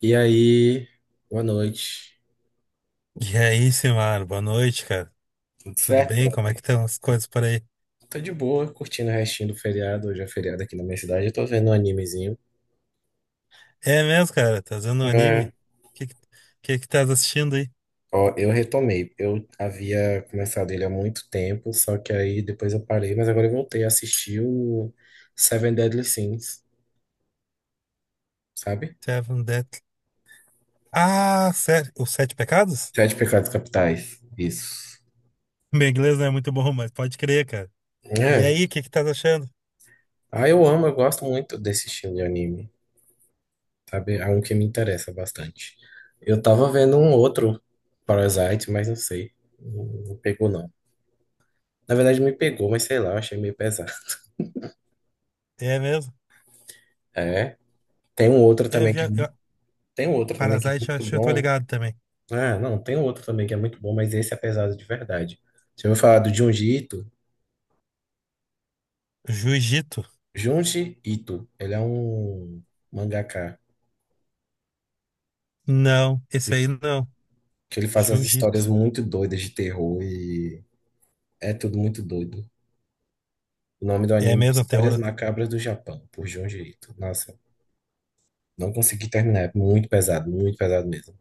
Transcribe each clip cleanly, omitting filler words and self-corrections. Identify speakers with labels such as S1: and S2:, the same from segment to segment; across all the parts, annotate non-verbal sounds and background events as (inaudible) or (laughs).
S1: E aí, boa noite.
S2: E aí, Simar, boa noite, cara.
S1: Tudo
S2: Tudo
S1: certo,
S2: bem? Como é que
S1: brother?
S2: estão as coisas por aí?
S1: Tô de boa, curtindo o restinho do feriado. Hoje é feriado aqui na minha cidade. Eu tô vendo um animezinho.
S2: É mesmo, cara? Tá vendo um anime?
S1: É.
S2: Que que, que que tá assistindo aí?
S1: Ó, eu retomei. Eu havia começado ele há muito tempo, só que aí depois eu parei, mas agora eu voltei a assistir o Seven Deadly Sins, sabe?
S2: Seven Deadly. Ah, sério? Os Sete Pecados?
S1: Sete Pecados Capitais. Isso.
S2: (laughs) Meu inglês não é muito bom, mas pode crer, cara. E
S1: É.
S2: aí, o que que tá achando?
S1: Ah, eu amo, eu gosto muito desse estilo de anime, sabe? É um que me interessa bastante. Eu tava vendo um outro Parasite, mas não sei. Não pegou, não. Na verdade, me pegou, mas sei lá, eu achei meio pesado.
S2: É mesmo?
S1: É. Tem um outro
S2: É, eu
S1: também
S2: vi,
S1: que é, mu-
S2: eu,
S1: Tem um outro também que é
S2: Parasite, eu
S1: muito
S2: acho que eu tô
S1: bom.
S2: ligado também.
S1: Ah, não, tem um outro também que é muito bom, mas esse é pesado de verdade. Você ouviu falar do Junji Ito?
S2: Jiu-Jitsu?
S1: Junji Ito, ele é um mangaka
S2: Não, esse aí
S1: que,
S2: não.
S1: que ele faz umas histórias
S2: Jiu-Jitsu.
S1: muito doidas de terror e é tudo muito doido. O nome do
S2: É
S1: anime é
S2: mesmo, terror.
S1: Histórias Macabras do Japão, por Junji Ito. Nossa. Não consegui terminar, é muito pesado mesmo.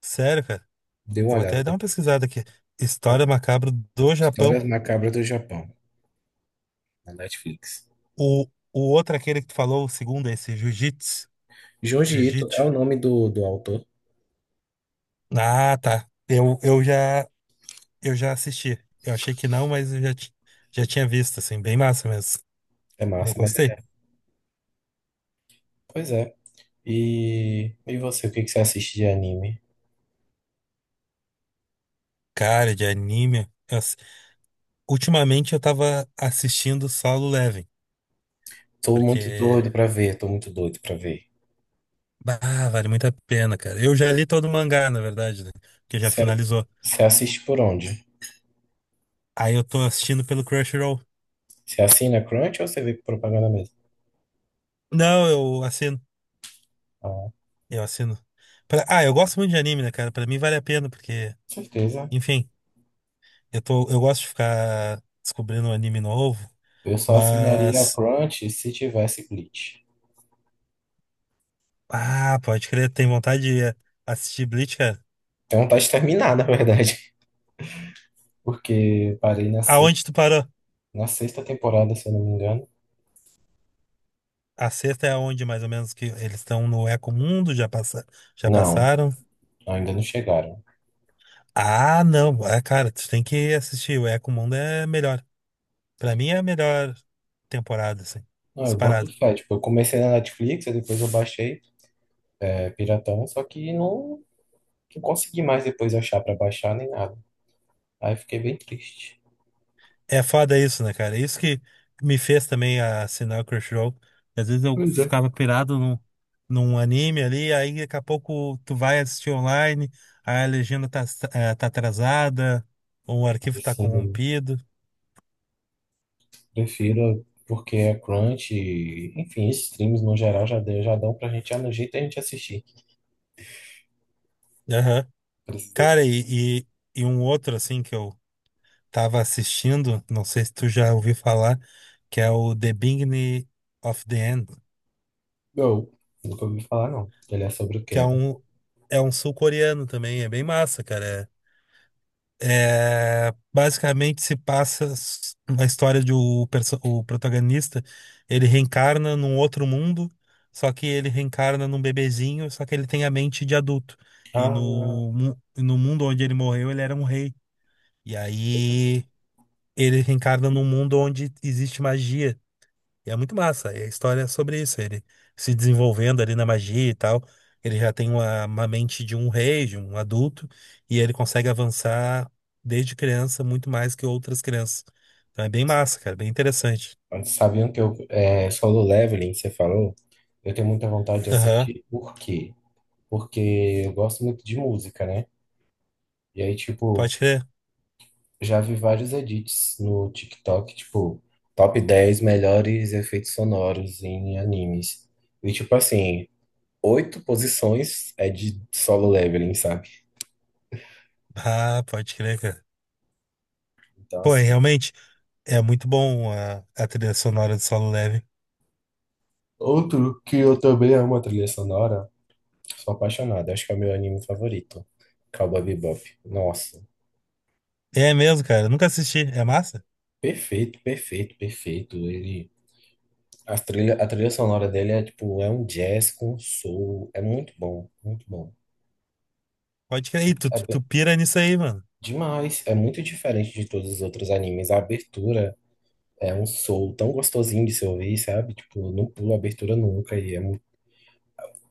S2: Sério, cara?
S1: Dê
S2: Eu
S1: uma
S2: vou
S1: olhada
S2: até dar uma
S1: depois.
S2: pesquisada aqui.
S1: Ah,
S2: História macabra do Japão.
S1: Histórias Macabras do Japão, na Netflix.
S2: O outro, aquele que tu falou, o segundo, esse Jiu-Jitsu.
S1: Junji Ito é o
S2: Jiu-Jitsu.
S1: nome do autor.
S2: Ah, tá. Eu já assisti. Eu achei que não, mas já tinha visto, assim, bem massa mesmo.
S1: É
S2: Eu
S1: massa, mas é.
S2: gostei.
S1: Pois é. E você, o que que você assiste de anime?
S2: Cara, de anime. Ultimamente eu tava assistindo Solo Leveling,
S1: Tô muito
S2: porque,
S1: doido pra ver, tô muito doido pra ver.
S2: bah, vale muito a pena, cara. Eu já li todo o mangá, na verdade, né? Que já
S1: Você
S2: finalizou.
S1: você assiste por onde?
S2: Aí eu tô assistindo pelo Crunchyroll.
S1: Você assina Crunch ou você vê propaganda mesmo?
S2: Não, eu assino.
S1: Ah,
S2: Eu assino. Ah, eu gosto muito de anime, né, cara? Pra mim vale a pena, porque
S1: com certeza.
S2: enfim, eu tô, eu gosto de ficar descobrindo um anime novo,
S1: Eu só assinaria a
S2: mas.
S1: Crunch se tivesse Bleach.
S2: Ah, pode crer, tem vontade de assistir Bleach, cara.
S1: Tenho vontade de terminar, na verdade. (laughs) Porque parei na
S2: Aonde
S1: sexta.
S2: tu parou?
S1: na sexta temporada, se eu não me engano.
S2: A sexta é aonde, mais ou menos, que eles estão no Eco Mundo, já passa, já
S1: Não,
S2: passaram.
S1: ainda não chegaram.
S2: Ah, não, é, cara, tu tem que assistir. O Eco Mundo é melhor. Pra mim é a melhor temporada, assim,
S1: Não, eu boto
S2: disparado.
S1: fé. Tipo, eu comecei na Netflix, aí depois eu baixei, Piratão, só que não consegui mais depois achar pra baixar nem nada. Aí fiquei bem triste.
S2: É foda isso, né, cara? Isso que me fez também assinar o Crunchyroll. Às vezes eu
S1: Pois é.
S2: ficava pirado num anime ali, aí daqui a pouco tu vai assistir online, aí a legenda tá, tá atrasada, ou o arquivo tá
S1: Assim, eu
S2: corrompido.
S1: prefiro porque a crunch, e, enfim, esses streams no geral já dão pra gente, no jeito a gente assistir.
S2: Aham.
S1: Precisa.
S2: Cara, e um outro, assim, que eu tava assistindo, não sei se tu já ouviu falar, que é o The Beginning of the End,
S1: Não, nunca ouvi falar, não. Ele é sobre o
S2: que
S1: quê?
S2: é um sul-coreano também, é bem massa, cara. É, basicamente se passa na história de o, o protagonista, ele reencarna num outro mundo, só que ele reencarna num bebezinho, só que ele tem a mente de adulto. E
S1: Ah,
S2: no mundo onde ele morreu, ele era um rei. E aí ele reencarna num mundo onde existe magia. E é muito massa. E a história é sobre isso. Ele se desenvolvendo ali na magia e tal. Ele já tem uma mente de um rei, de um adulto, e ele consegue avançar desde criança muito mais que outras crianças. Então é bem massa, cara, bem interessante.
S1: sabiam que eu, Solo Leveling, você falou, eu tenho muita vontade de
S2: Aham,
S1: assistir. Por quê? Porque eu gosto muito de música, né? E aí,
S2: pode
S1: tipo,
S2: crer.
S1: já vi vários edits no TikTok, tipo, top 10 melhores efeitos sonoros em animes. E, tipo, assim, oito posições é de Solo Leveling, sabe?
S2: Ah, pode crer, cara.
S1: Então,
S2: Pô, e
S1: assim,
S2: realmente é muito bom a trilha sonora de Solo Leve.
S1: outro que eu também amo a trilha sonora, sou apaixonado, acho que é o meu anime favorito, Cowboy Bebop. Nossa.
S2: É mesmo, cara. Eu nunca assisti. É massa?
S1: Perfeito, perfeito, perfeito. Ele, a trilha sonora dele é tipo, é um jazz com soul, é muito bom, muito bom.
S2: Pode crer. Ih, tu,
S1: É
S2: tu tu pira nisso aí, mano.
S1: demais, é muito diferente de todos os outros animes. A abertura é um soul tão gostosinho de se ouvir, sabe? Tipo, não pula a abertura nunca e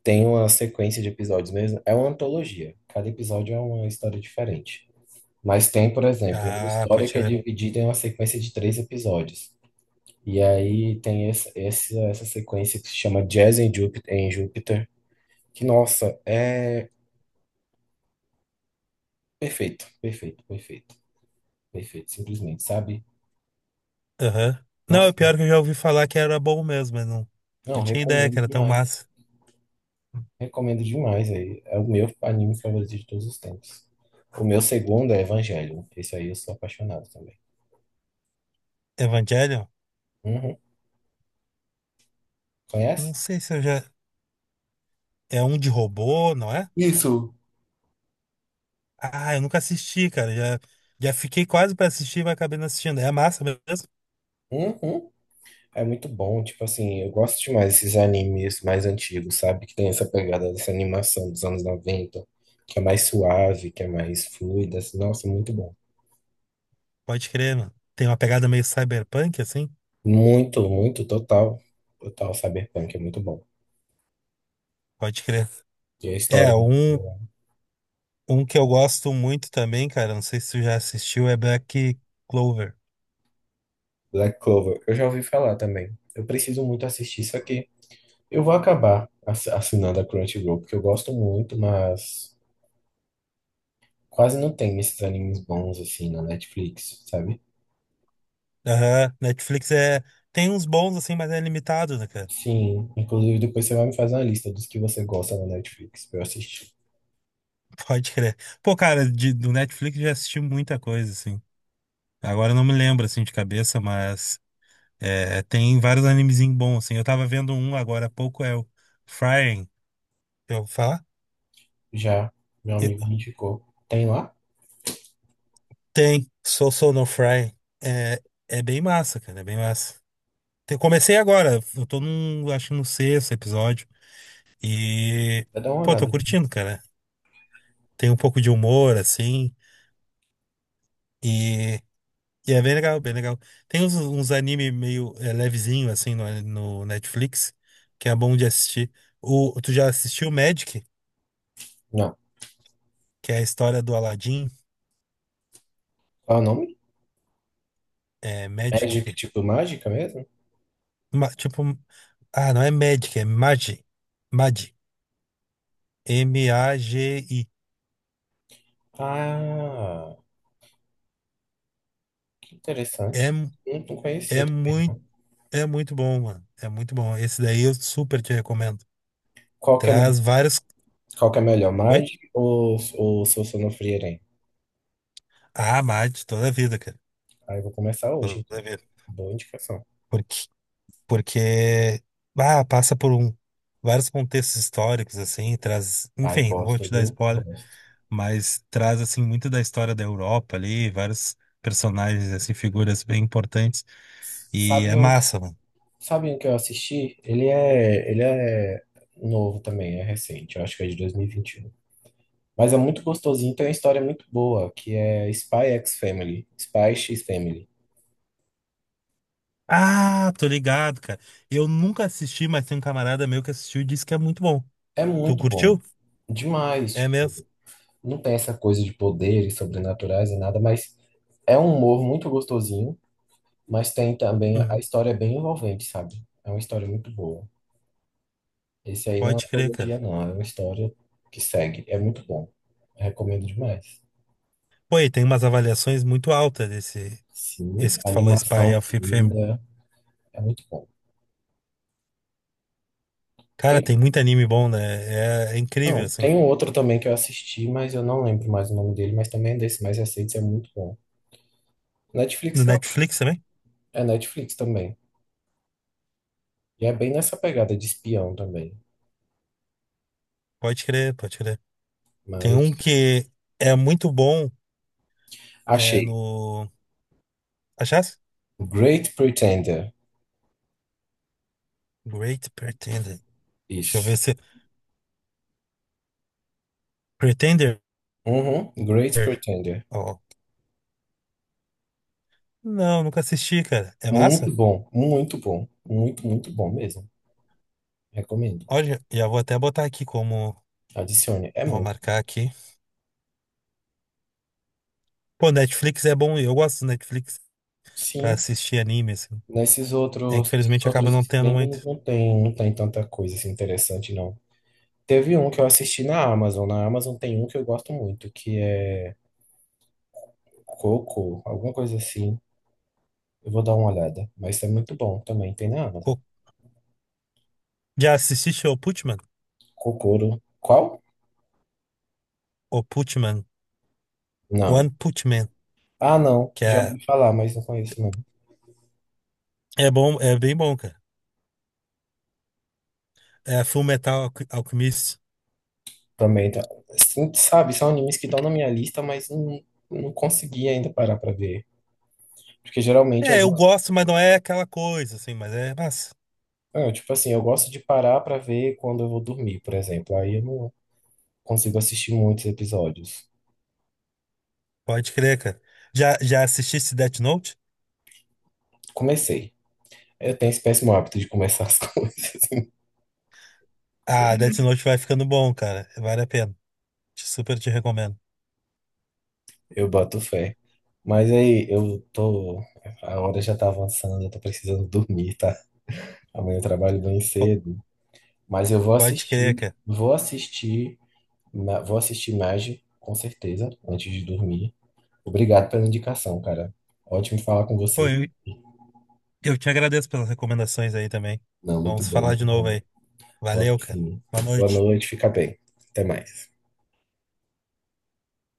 S1: tem uma sequência de episódios mesmo. É uma antologia, cada episódio é uma história diferente. Mas tem, por exemplo, uma
S2: Ah, pode
S1: história que é
S2: crer.
S1: dividida em uma sequência de 3 episódios. E aí tem essa sequência que se chama Jazz em Júpiter, que, nossa, é perfeito, perfeito, perfeito, perfeito, simplesmente, sabe?
S2: Aham. Não,
S1: Nossa,
S2: é pior que eu já ouvi falar que era bom mesmo, mas não, não
S1: não,
S2: tinha ideia que era tão massa.
S1: recomendo demais aí. É o meu anime favorito de todos os tempos. O meu segundo é Evangelion, esse aí eu sou apaixonado também.
S2: Evangelion?
S1: Uhum.
S2: Não
S1: Conhece?
S2: sei se eu já. É um de robô, não é?
S1: Isso.
S2: Ah, eu nunca assisti, cara. Já, já fiquei quase pra assistir, mas acabei não assistindo. É massa mesmo?
S1: Uhum. É muito bom, tipo assim, eu gosto demais desses animes mais antigos, sabe? Que tem essa pegada dessa animação dos anos 90, que é mais suave, que é mais fluida. Assim, nossa, muito bom.
S2: Pode crer, mano. Tem uma pegada meio cyberpunk, assim?
S1: Muito, muito, total. Total Cyberpunk, é muito bom.
S2: Pode crer.
S1: E a história
S2: É,
S1: é muito
S2: um,
S1: boa.
S2: um que eu gosto muito também, cara. Não sei se tu já assistiu, é Black Clover.
S1: Black Clover, eu já ouvi falar também. Eu preciso muito assistir isso aqui. Eu vou acabar assinando a Crunchyroll, porque eu gosto muito, mas quase não tem esses animes bons assim na Netflix, sabe?
S2: Aham. Netflix é. Tem uns bons, assim, mas é limitado, né, cara?
S1: Sim, inclusive depois você vai me fazer uma lista dos que você gosta na Netflix pra eu assistir.
S2: Pode crer. Pô, cara, de, do Netflix eu já assisti muita coisa, assim. Agora eu não me lembro, assim, de cabeça, mas é, tem vários animezinhos bons, assim. Eu tava vendo um agora há pouco, é o Frying. Eu vou falar?
S1: Já, meu amigo me
S2: Eu-
S1: indicou. Tem lá?
S2: Tem, Sou Sou no Frying. É, é bem massa, cara, é bem massa. Comecei agora, eu tô num, acho que no sexto episódio. E,
S1: Vai dar uma
S2: pô,
S1: olhada
S2: tô
S1: aqui.
S2: curtindo, cara. Tem um pouco de humor, assim. E é bem legal, bem legal. Tem uns, uns anime meio é, levezinho, assim, no Netflix, que é bom de assistir. O, tu já assistiu Magic,
S1: Não.
S2: que é a história do Aladdin?
S1: Qual é o nome?
S2: É,
S1: Magic,
S2: Magic.
S1: tipo mágica mesmo?
S2: Tipo, ah, não é Magic, é Magi. Magi. MAGI.
S1: Ah, que
S2: É,
S1: interessante.
S2: mu-
S1: Não, não conhecia.
S2: É muito, é muito bom, mano. É muito bom. Esse daí eu super te recomendo.
S1: Qual que é, me-
S2: Traz vários.
S1: Qual que é melhor,
S2: Oi?
S1: Magic ou Seu Sonofrieren?
S2: Ah, Magi, toda a vida, cara.
S1: Aí eu vou começar hoje,
S2: Toda
S1: então.
S2: a vida.
S1: Boa indicação.
S2: Porque ah, passa por um, vários contextos históricos assim, traz,
S1: Ai,
S2: enfim, não vou
S1: gosto,
S2: te dar
S1: viu?
S2: spoiler,
S1: Gosto.
S2: mas traz assim muito da história da Europa ali, vários personagens assim, figuras bem importantes e
S1: Sabe
S2: é
S1: um que,
S2: massa, mano.
S1: sabe um que eu assisti? Ele é novo também, é recente. Eu acho que é de 2021. Mas é muito gostosinho, tem uma história muito boa, que é Spy X Family, Spy X Family.
S2: Ah, tô ligado, cara. Eu nunca assisti, mas tem um camarada meu que assistiu e disse que é muito bom.
S1: É
S2: Tu
S1: muito bom.
S2: curtiu?
S1: Demais,
S2: É
S1: tipo,
S2: mesmo?
S1: não tem essa coisa de poderes sobrenaturais e nada, mas é um humor muito gostosinho, mas tem também, a
S2: Uhum.
S1: história é bem envolvente, sabe? É uma história muito boa. Esse aí não é uma
S2: Pode crer, cara.
S1: antologia, não, é uma história que segue. É muito bom. Recomendo demais.
S2: Pô, e tem umas avaliações muito altas desse,
S1: Sim,
S2: esse que
S1: a
S2: tu falou, Spy
S1: animação
S2: of Fame.
S1: linda, é muito bom.
S2: Cara,
S1: Tem
S2: tem muito anime bom, né? É, é incrível,
S1: Não,
S2: assim.
S1: tem um outro também que eu assisti, mas eu não lembro mais o nome dele, mas também é desse mais recente, é muito bom.
S2: No
S1: Netflix é,
S2: Netflix também?
S1: é Netflix também. E é bem nessa pegada de espião também.
S2: Pode crer, pode crer. Tem um
S1: Mas
S2: que é muito bom, é
S1: achei.
S2: no. Achasse?
S1: Great Pretender.
S2: Great Pretender. Deixa eu ver
S1: Isso.
S2: se. Pretender.
S1: Uhum, Great Pretender.
S2: Ó. Não, nunca assisti, cara. É
S1: Muito
S2: massa?
S1: bom, muito bom. Muito, muito bom mesmo. Recomendo.
S2: Olha, já vou até botar aqui como.
S1: Adicione. É
S2: Vou
S1: muito.
S2: marcar aqui. Pô, Netflix é bom, eu gosto do Netflix pra
S1: Sim,
S2: assistir anime, assim.
S1: nesses
S2: É,
S1: outros, esses
S2: infelizmente acaba
S1: outros
S2: não tendo
S1: streamings
S2: muito.
S1: não tem, não tem tanta coisa assim, interessante, não. Teve um que eu assisti na Amazon. Na Amazon tem um que eu gosto muito, que é Coco, alguma coisa assim. Eu vou dar uma olhada. Mas é muito bom também, tem na Amazon.
S2: Co- Já assististe o Putman?
S1: Kokoro. Qual?
S2: O Putman.
S1: Não.
S2: One Putman.
S1: Ah, não.
S2: Que
S1: Já
S2: é,
S1: ouvi falar, mas não conheço, não.
S2: é bom, é bem bom, cara. É Full Metal Alchemist.
S1: Também tá. Sim, sabe, são animes que estão na minha lista, mas não, não consegui ainda parar pra ver. Porque geralmente eu
S2: É, eu
S1: gosto.
S2: gosto, mas não é aquela coisa, assim, mas é massa.
S1: Tipo assim, eu gosto de parar pra ver quando eu vou dormir, por exemplo. Aí eu não consigo assistir muitos episódios.
S2: Pode crer, cara. Já, já assististe Death Note?
S1: Comecei. Eu tenho esse péssimo hábito de começar as (laughs) coisas.
S2: Ah, Death Note vai ficando bom, cara. Vale a pena. Super te recomendo.
S1: Eu boto fé. Mas aí, eu tô. A hora já tá avançando, eu tô precisando dormir, tá? Amanhã eu trabalho bem
S2: Po-
S1: cedo. Mas eu vou
S2: Pode crer,
S1: assistir.
S2: cara.
S1: Vou assistir. Vou assistir Magi, com certeza, antes de dormir. Obrigado pela indicação, cara. Ótimo falar com
S2: Pô,
S1: você.
S2: eu te agradeço pelas recomendações aí também.
S1: Não, muito
S2: Vamos
S1: bom,
S2: falar de
S1: muito
S2: novo
S1: bom.
S2: aí. Valeu,
S1: Vamos
S2: cara.
S1: sim.
S2: Boa
S1: Boa
S2: noite.
S1: noite, fica bem. Até mais.